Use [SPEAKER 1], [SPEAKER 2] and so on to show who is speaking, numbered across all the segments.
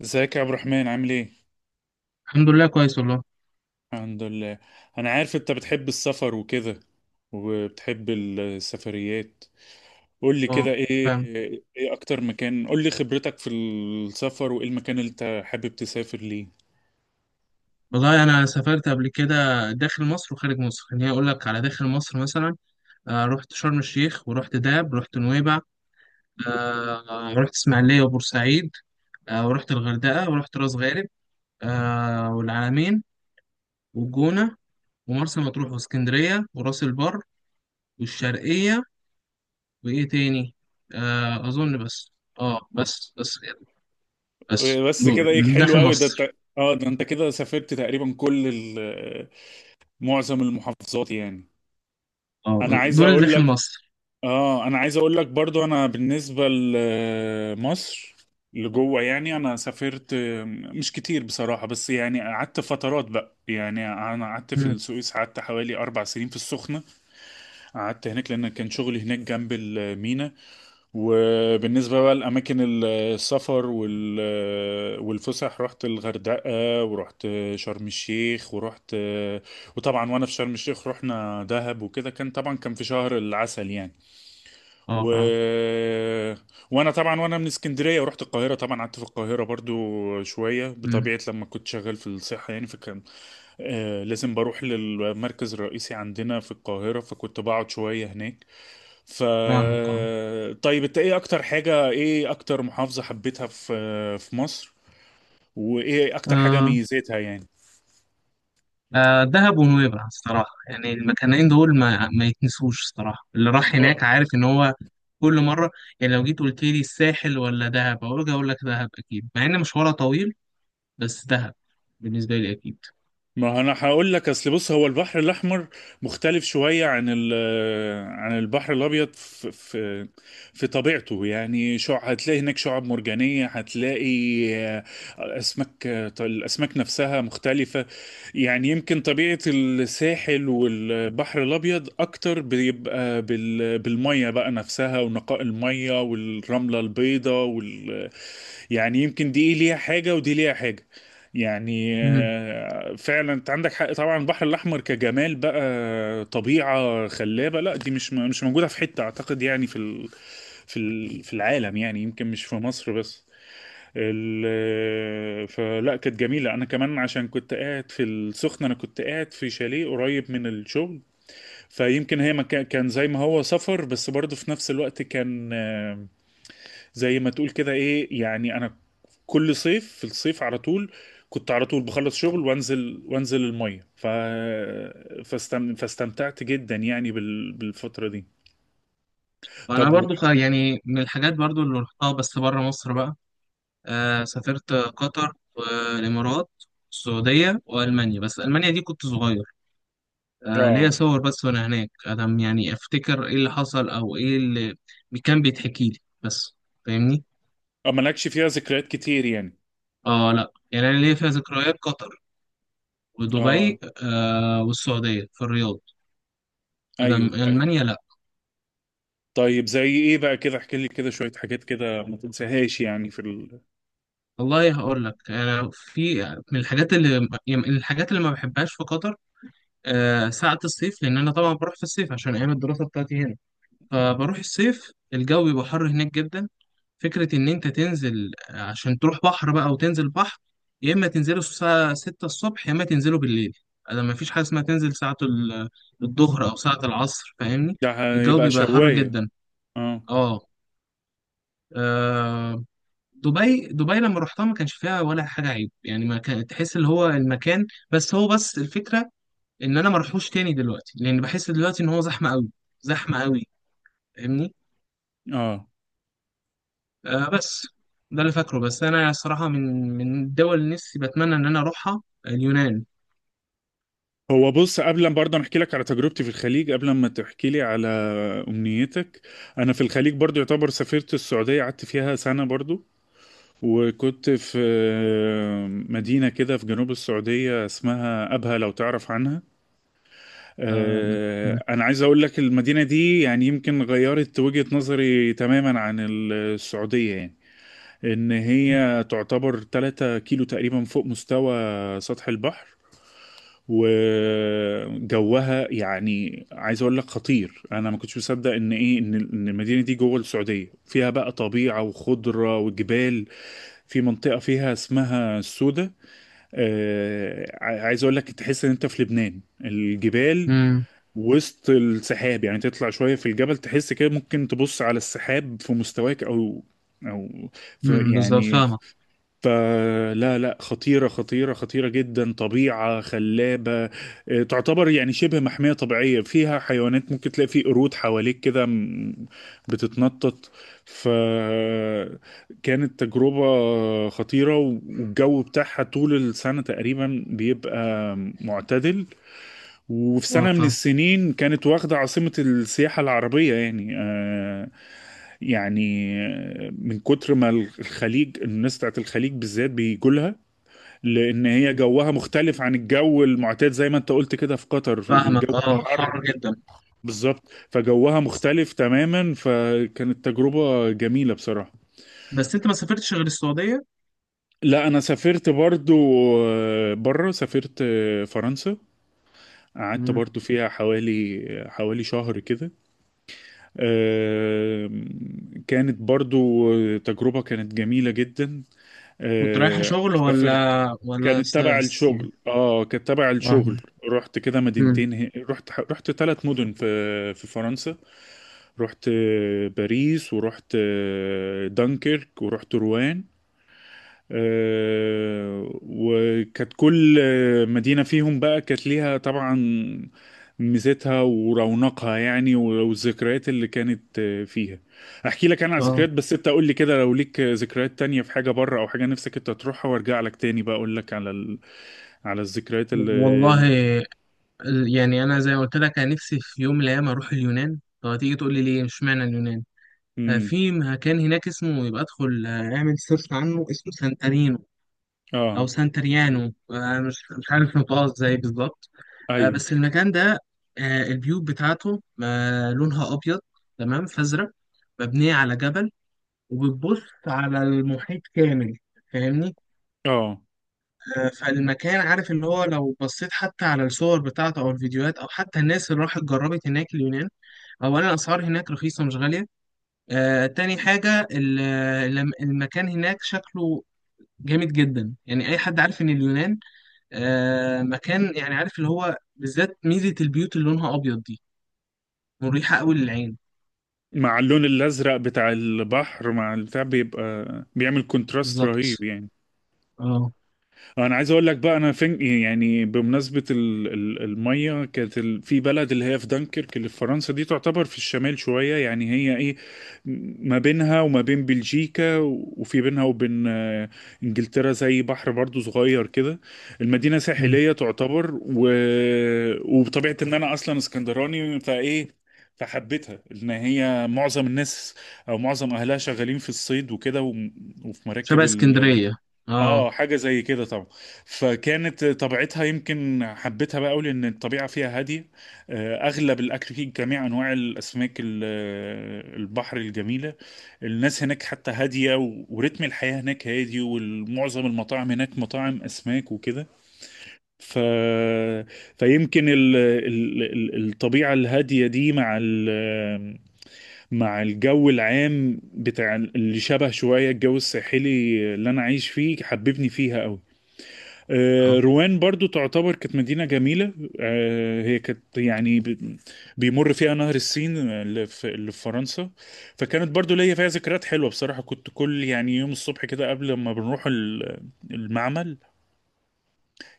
[SPEAKER 1] ازيك يا عبد الرحمن؟ عامل ايه؟
[SPEAKER 2] الحمد لله كويس والله.
[SPEAKER 1] الحمد لله. انا عارف انت بتحب السفر وكده، وبتحب السفريات. قول لي
[SPEAKER 2] اه
[SPEAKER 1] كده، ايه
[SPEAKER 2] فاهم.
[SPEAKER 1] ايه اكتر مكان؟ قول لي خبرتك في السفر، وايه المكان اللي انت حابب تسافر ليه؟
[SPEAKER 2] والله انا سافرت قبل كده داخل مصر وخارج مصر. خليني اقول لك على داخل مصر مثلا، رحت شرم الشيخ ورحت دهب رحت نويبع. رحت اسماعيليه وبورسعيد. ورحت الغردقه ورحت راس غارب، والعلمين والجونه ومرسى مطروح واسكندريه وراس البر والشرقيه. وايه تاني؟ اظن بس. اه بس كده. بس
[SPEAKER 1] بس
[SPEAKER 2] دول
[SPEAKER 1] كده؟ ايه حلو
[SPEAKER 2] داخل
[SPEAKER 1] قوي، ده
[SPEAKER 2] مصر.
[SPEAKER 1] انت، اه، ده انت كده سافرت تقريبا معظم المحافظات يعني. انا
[SPEAKER 2] اه،
[SPEAKER 1] عايز
[SPEAKER 2] دول
[SPEAKER 1] اقول
[SPEAKER 2] داخل
[SPEAKER 1] لك،
[SPEAKER 2] مصر.
[SPEAKER 1] اه انا عايز اقول لك برضو، انا بالنسبة لمصر، لجوه يعني، انا سافرت مش كتير بصراحة، بس يعني قعدت فترات بقى. يعني انا قعدت في
[SPEAKER 2] مم.
[SPEAKER 1] السويس، قعدت حوالي 4 سنين في السخنة، قعدت هناك لان كان شغلي هناك جنب المينا. وبالنسبة بقى لاماكن السفر والفسح، رحت الغردقة، ورحت شرم الشيخ، وطبعا وانا في شرم الشيخ رحنا دهب وكده، كان طبعا كان في شهر العسل يعني. و...
[SPEAKER 2] اه، فاهم.
[SPEAKER 1] وانا طبعا، وانا من اسكندريه، ورحت القاهره طبعا، قعدت في القاهره برضو شويه بطبيعه لما كنت شغال في الصحه يعني. فكان لازم بروح للمركز الرئيسي عندنا في القاهره، فكنت بقعد شويه هناك. ف
[SPEAKER 2] فاهمك، اه.
[SPEAKER 1] طيب انت ايه اكتر حاجه، ايه اكتر محافظه حبيتها في مصر؟ وايه اكتر حاجه
[SPEAKER 2] آه،
[SPEAKER 1] ميزتها يعني؟
[SPEAKER 2] دهب ونويبع الصراحة. يعني المكانين دول ما يتنسوش الصراحة، اللي راح هناك عارف ان هو كل مرة. يعني لو جيت قلت لي الساحل ولا دهب اقول لك دهب اكيد، مع ان مشوارها طويل. بس دهب بالنسبة لي اكيد.
[SPEAKER 1] ما انا هقول لك، اصل بص، هو البحر الاحمر مختلف شويه عن البحر الابيض في في طبيعته. يعني شع هتلاقي هناك شعاب مرجانيه، هتلاقي اسماك. الاسماك نفسها مختلفه. يعني يمكن طبيعه الساحل والبحر الابيض اكتر بيبقى بالميه بقى نفسها، ونقاء الميه، والرمله البيضاء. يعني يمكن دي إيه ليها حاجة، ودي ليها حاجة. يعني
[SPEAKER 2] مم.
[SPEAKER 1] فعلا انت عندك حق. طبعا البحر الاحمر كجمال بقى، طبيعة خلابة، لا دي مش موجودة في حتة اعتقد يعني، في العالم يعني، يمكن مش في مصر بس. ال آه، فلا كانت جميلة. انا كمان عشان كنت قاعد في السخنة، انا كنت قاعد في شاليه قريب من الشغل، فيمكن هي ما كان زي ما هو سفر، بس برضه في نفس الوقت كان، زي ما تقول كده. ايه يعني، انا كل صيف، في الصيف على طول، كنت على طول بخلص شغل، وانزل الميه. فاستمتعت جدا يعني بالفتره دي.
[SPEAKER 2] وانا
[SPEAKER 1] طب.
[SPEAKER 2] برضو يعني من الحاجات برضو اللي رحتها بس بره مصر بقى. سافرت قطر والامارات، السعودية والمانيا. بس المانيا دي كنت صغير، ليا
[SPEAKER 1] اه،
[SPEAKER 2] صور بس. وانا هناك ادم يعني افتكر ايه اللي حصل او ايه اللي كان بيتحكي لي بس. فاهمني؟
[SPEAKER 1] مالكش فيها ذكريات كتير يعني.
[SPEAKER 2] اه، لا، يعني انا ليا فيها ذكريات. قطر
[SPEAKER 1] اه،
[SPEAKER 2] ودبي والسعوديه في الرياض. ادم
[SPEAKER 1] ايوه، ايوه.
[SPEAKER 2] المانيا لا.
[SPEAKER 1] طيب زي ايه بقى؟ كده احكي لي كده شويه حاجات كده ما تنساهاش يعني
[SPEAKER 2] والله هقول لك، انا في من الحاجات اللي، يعني من الحاجات اللي ما بحبهاش في قطر ساعه الصيف، لان انا طبعا بروح في الصيف عشان ايام الدراسه بتاعتي هنا. فبروح الصيف الجو بيبقى حر هناك جدا. فكرة إن أنت تنزل عشان تروح بحر بقى وتنزل بحر، يا إما تنزله الساعة 6 الصبح يا إما تنزله بالليل. أنا مفيش حاجة اسمها تنزل ساعة الظهر أو ساعة العصر. فاهمني؟
[SPEAKER 1] ده
[SPEAKER 2] الجو
[SPEAKER 1] هيبقى
[SPEAKER 2] بيبقى حر
[SPEAKER 1] شوايه،
[SPEAKER 2] جدا.
[SPEAKER 1] اه،
[SPEAKER 2] آه آه، دبي لما رحتها ما كانش فيها ولا حاجة عيب يعني. ما كان تحس اللي هو المكان، بس الفكرة إن أنا ما اروحوش تاني دلوقتي، لأن بحس دلوقتي إن هو زحمة أوي، زحمة أوي. فاهمني؟
[SPEAKER 1] اه.
[SPEAKER 2] بس ده اللي فاكره. بس انا الصراحه من الدول اللي نفسي بتمنى ان انا اروحها اليونان.
[SPEAKER 1] هو بص، قبل ما برضه أنا احكي لك على تجربتي في الخليج قبل ما تحكي لي على امنيتك. انا في الخليج برضه يعتبر سافرت السعوديه، قعدت فيها سنه برضه. وكنت في مدينه كده في جنوب السعوديه اسمها ابها، لو تعرف عنها.
[SPEAKER 2] آه
[SPEAKER 1] انا عايز اقول لك، المدينه دي يعني يمكن غيرت وجهه نظري تماما عن السعوديه يعني. ان هي تعتبر 3 كيلو تقريبا فوق مستوى سطح البحر، وجوها يعني عايز اقول لك خطير. انا ما كنتش مصدق ان ايه، ان المدينه دي جوه السعوديه فيها بقى طبيعه وخضره وجبال. في منطقه فيها اسمها السودة. عايز اقول لك، تحس ان انت في لبنان. الجبال
[SPEAKER 2] امم
[SPEAKER 1] وسط السحاب يعني. تطلع شويه في الجبل، تحس كده ممكن تبص على السحاب في مستواك، او في
[SPEAKER 2] بالظبط،
[SPEAKER 1] يعني.
[SPEAKER 2] فاهمه.
[SPEAKER 1] فلا لا، خطيرة خطيرة خطيرة جدا، طبيعة خلابة. تعتبر يعني شبه محمية طبيعية، فيها حيوانات، ممكن تلاقي فيه قرود حواليك كده بتتنطط. فكانت تجربة خطيرة. والجو بتاعها طول السنة تقريبا بيبقى معتدل. وفي
[SPEAKER 2] اه،
[SPEAKER 1] سنة من
[SPEAKER 2] فاهم.
[SPEAKER 1] السنين كانت واخدة عاصمة السياحة العربية يعني، يعني من كتر ما الخليج، الناس بتاعت الخليج بالذات بيجولها. لان هي جوها مختلف عن الجو المعتاد، زي ما انت قلت كده في قطر في الجو
[SPEAKER 2] فاهمك، اه،
[SPEAKER 1] الحر.
[SPEAKER 2] حر جدا.
[SPEAKER 1] بالظبط، فجوها مختلف تماما، فكانت تجربة جميلة بصراحة.
[SPEAKER 2] بس انت ما سافرتش غير السعوديه؟
[SPEAKER 1] لا، انا سافرت برضو بره. سافرت فرنسا، قعدت
[SPEAKER 2] مم.
[SPEAKER 1] برضو فيها حوالي حوالي شهر كده. آه، كانت برضو تجربة كانت جميلة جدا.
[SPEAKER 2] كنت رايحه شغل ولا،
[SPEAKER 1] سافرت،
[SPEAKER 2] ولا
[SPEAKER 1] كانت تبع
[SPEAKER 2] يعني.
[SPEAKER 1] الشغل، اه كانت تبع
[SPEAKER 2] فاهمه.
[SPEAKER 1] الشغل. رحت كده
[SPEAKER 2] امم
[SPEAKER 1] مدينتين، رحت 3 مدن في فرنسا. رحت باريس، ورحت دانكيرك، ورحت روان. وكانت كل مدينة فيهم بقى كانت ليها طبعا ميزتها ورونقها يعني، والذكريات اللي كانت فيها. احكي لك انا على
[SPEAKER 2] اه،
[SPEAKER 1] ذكريات، بس انت قول لي كده، لو ليك ذكريات تانية في حاجة بره او حاجة نفسك انت تروحها، وارجع لك تاني بقى اقول لك على الذكريات اللي
[SPEAKER 2] والله.
[SPEAKER 1] ال...
[SPEAKER 2] يعني انا زي ما قلت لك، انا نفسي في يوم من الايام اروح اليونان. طب هتيجي تقول لي ليه؟ مش معنى اليونان
[SPEAKER 1] امم،
[SPEAKER 2] في مكان هناك اسمه، يبقى ادخل اعمل سيرش عنه. اسمه سانتارينو
[SPEAKER 1] اه،
[SPEAKER 2] او سانتريانو، مش عارف نطقها ازاي بالظبط.
[SPEAKER 1] ايوه،
[SPEAKER 2] بس المكان ده، البيوت بتاعته لونها ابيض، تمام، فازرق، مبنيه على جبل وبتبص على المحيط كامل. فاهمني؟
[SPEAKER 1] اه.
[SPEAKER 2] فالمكان، عارف اللي هو، لو بصيت حتى على الصور بتاعته او الفيديوهات او حتى الناس اللي راحت جربت هناك اليونان. اولا الاسعار هناك رخيصه مش غاليه. تاني حاجه، المكان هناك شكله جامد جدا. يعني اي حد عارف ان اليونان مكان يعني عارف اللي هو، بالذات ميزة البيوت اللي لونها أبيض دي مريحة أوي للعين.
[SPEAKER 1] مع اللون الازرق بتاع البحر، مع البتاع بيبقى بيعمل كونتراست
[SPEAKER 2] بالظبط،
[SPEAKER 1] رهيب يعني.
[SPEAKER 2] اه.
[SPEAKER 1] انا عايز اقول لك بقى، انا فين يعني، بمناسبه الميه، كانت في بلد اللي هي في دنكرك اللي في فرنسا. دي تعتبر في الشمال شويه يعني، هي ايه ما بينها وما بين بلجيكا، وفي بينها وبين انجلترا. زي بحر برضو صغير كده. المدينه
[SPEAKER 2] مم.
[SPEAKER 1] ساحليه تعتبر. وبطبيعه ان انا اصلا اسكندراني فايه، فحبيتها. ان هي معظم الناس او معظم اهلها شغالين في الصيد وكده، وفي مراكب.
[SPEAKER 2] شبه اسكندرية، اه.
[SPEAKER 1] اه، حاجة زي كده طبعا. فكانت طبيعتها يمكن حبيتها بقى قوي لان الطبيعة فيها هادية. اغلب الاكل فيه جميع انواع الاسماك البحر الجميلة. الناس هناك حتى هادية، ورتم الحياة هناك هادي، ومعظم المطاعم هناك مطاعم اسماك وكده. ف... فيمكن الطبيعة الهادية دي مع الجو العام بتاع اللي شبه شوية الجو الساحلي اللي انا عايش فيه، حببني فيها قوي.
[SPEAKER 2] اه،
[SPEAKER 1] روان برضو تعتبر كانت مدينة جميلة. هي كانت يعني بيمر فيها نهر السين اللي في فرنسا. فكانت برضو ليا فيها ذكريات حلوة بصراحة. كنت كل يعني يوم الصبح كده، قبل ما بنروح المعمل،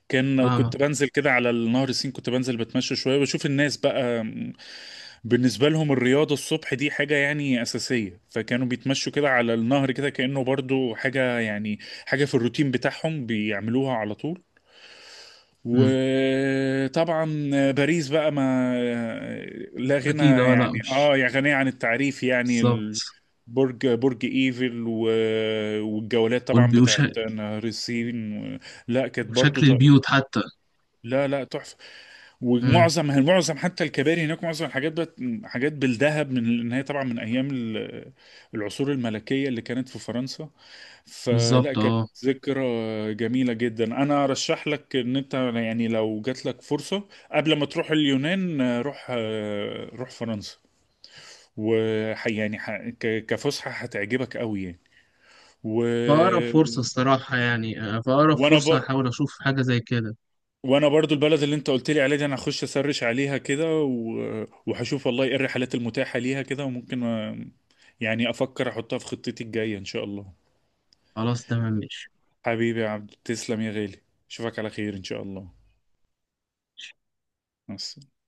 [SPEAKER 1] كنت
[SPEAKER 2] فاهمك.
[SPEAKER 1] بنزل كده على النهر السين، كنت بنزل بتمشى شوية، وبشوف الناس بقى. بالنسبة لهم الرياضة الصبح دي حاجة يعني أساسية، فكانوا بيتمشوا كده على النهر، كده كأنه برضو حاجة يعني، حاجة في الروتين بتاعهم بيعملوها على طول.
[SPEAKER 2] مم.
[SPEAKER 1] وطبعا باريس بقى، ما لا غنى،
[SPEAKER 2] أكيد، اه، لأ
[SPEAKER 1] يعني
[SPEAKER 2] مش
[SPEAKER 1] اه، يا غنية عن التعريف يعني،
[SPEAKER 2] بالظبط.
[SPEAKER 1] برج ايفل، والجولات طبعا
[SPEAKER 2] والبيوت،
[SPEAKER 1] بتاعت نهر السين. لا كانت برضو
[SPEAKER 2] شكل البيوت حتى.
[SPEAKER 1] لا لا، تحفة.
[SPEAKER 2] امم
[SPEAKER 1] ومعظم حتى الكباري هناك، معظم الحاجات بقت حاجات بالذهب، من ان هي طبعا من ايام العصور الملكية اللي كانت في فرنسا. فلا،
[SPEAKER 2] بالظبط،
[SPEAKER 1] كانت
[SPEAKER 2] اه.
[SPEAKER 1] ذكرى جميلة جدا. أنا أرشح لك إن أنت يعني، لو جات لك فرصة قبل ما تروح اليونان، روح فرنسا. وح يعني ح... ك... كفسحة هتعجبك قوي يعني. و...
[SPEAKER 2] فأقرب فرصة الصراحة يعني، فأقرب
[SPEAKER 1] وأنا
[SPEAKER 2] فرصة
[SPEAKER 1] ب...
[SPEAKER 2] هحاول أشوف حاجة زي كده.
[SPEAKER 1] وأنا برضو البلد اللي أنت قلت لي عليها دي، أنا هخش أسرش عليها كده، وهشوف والله إيه الرحلات المتاحة ليها كده، وممكن يعني أفكر أحطها في خطتي الجاية إن شاء الله.
[SPEAKER 2] خلاص، تمام، ماشي.
[SPEAKER 1] حبيبي يا عبد، تسلم يا غالي، أشوفك على خير إن شاء الله. مع السلامة.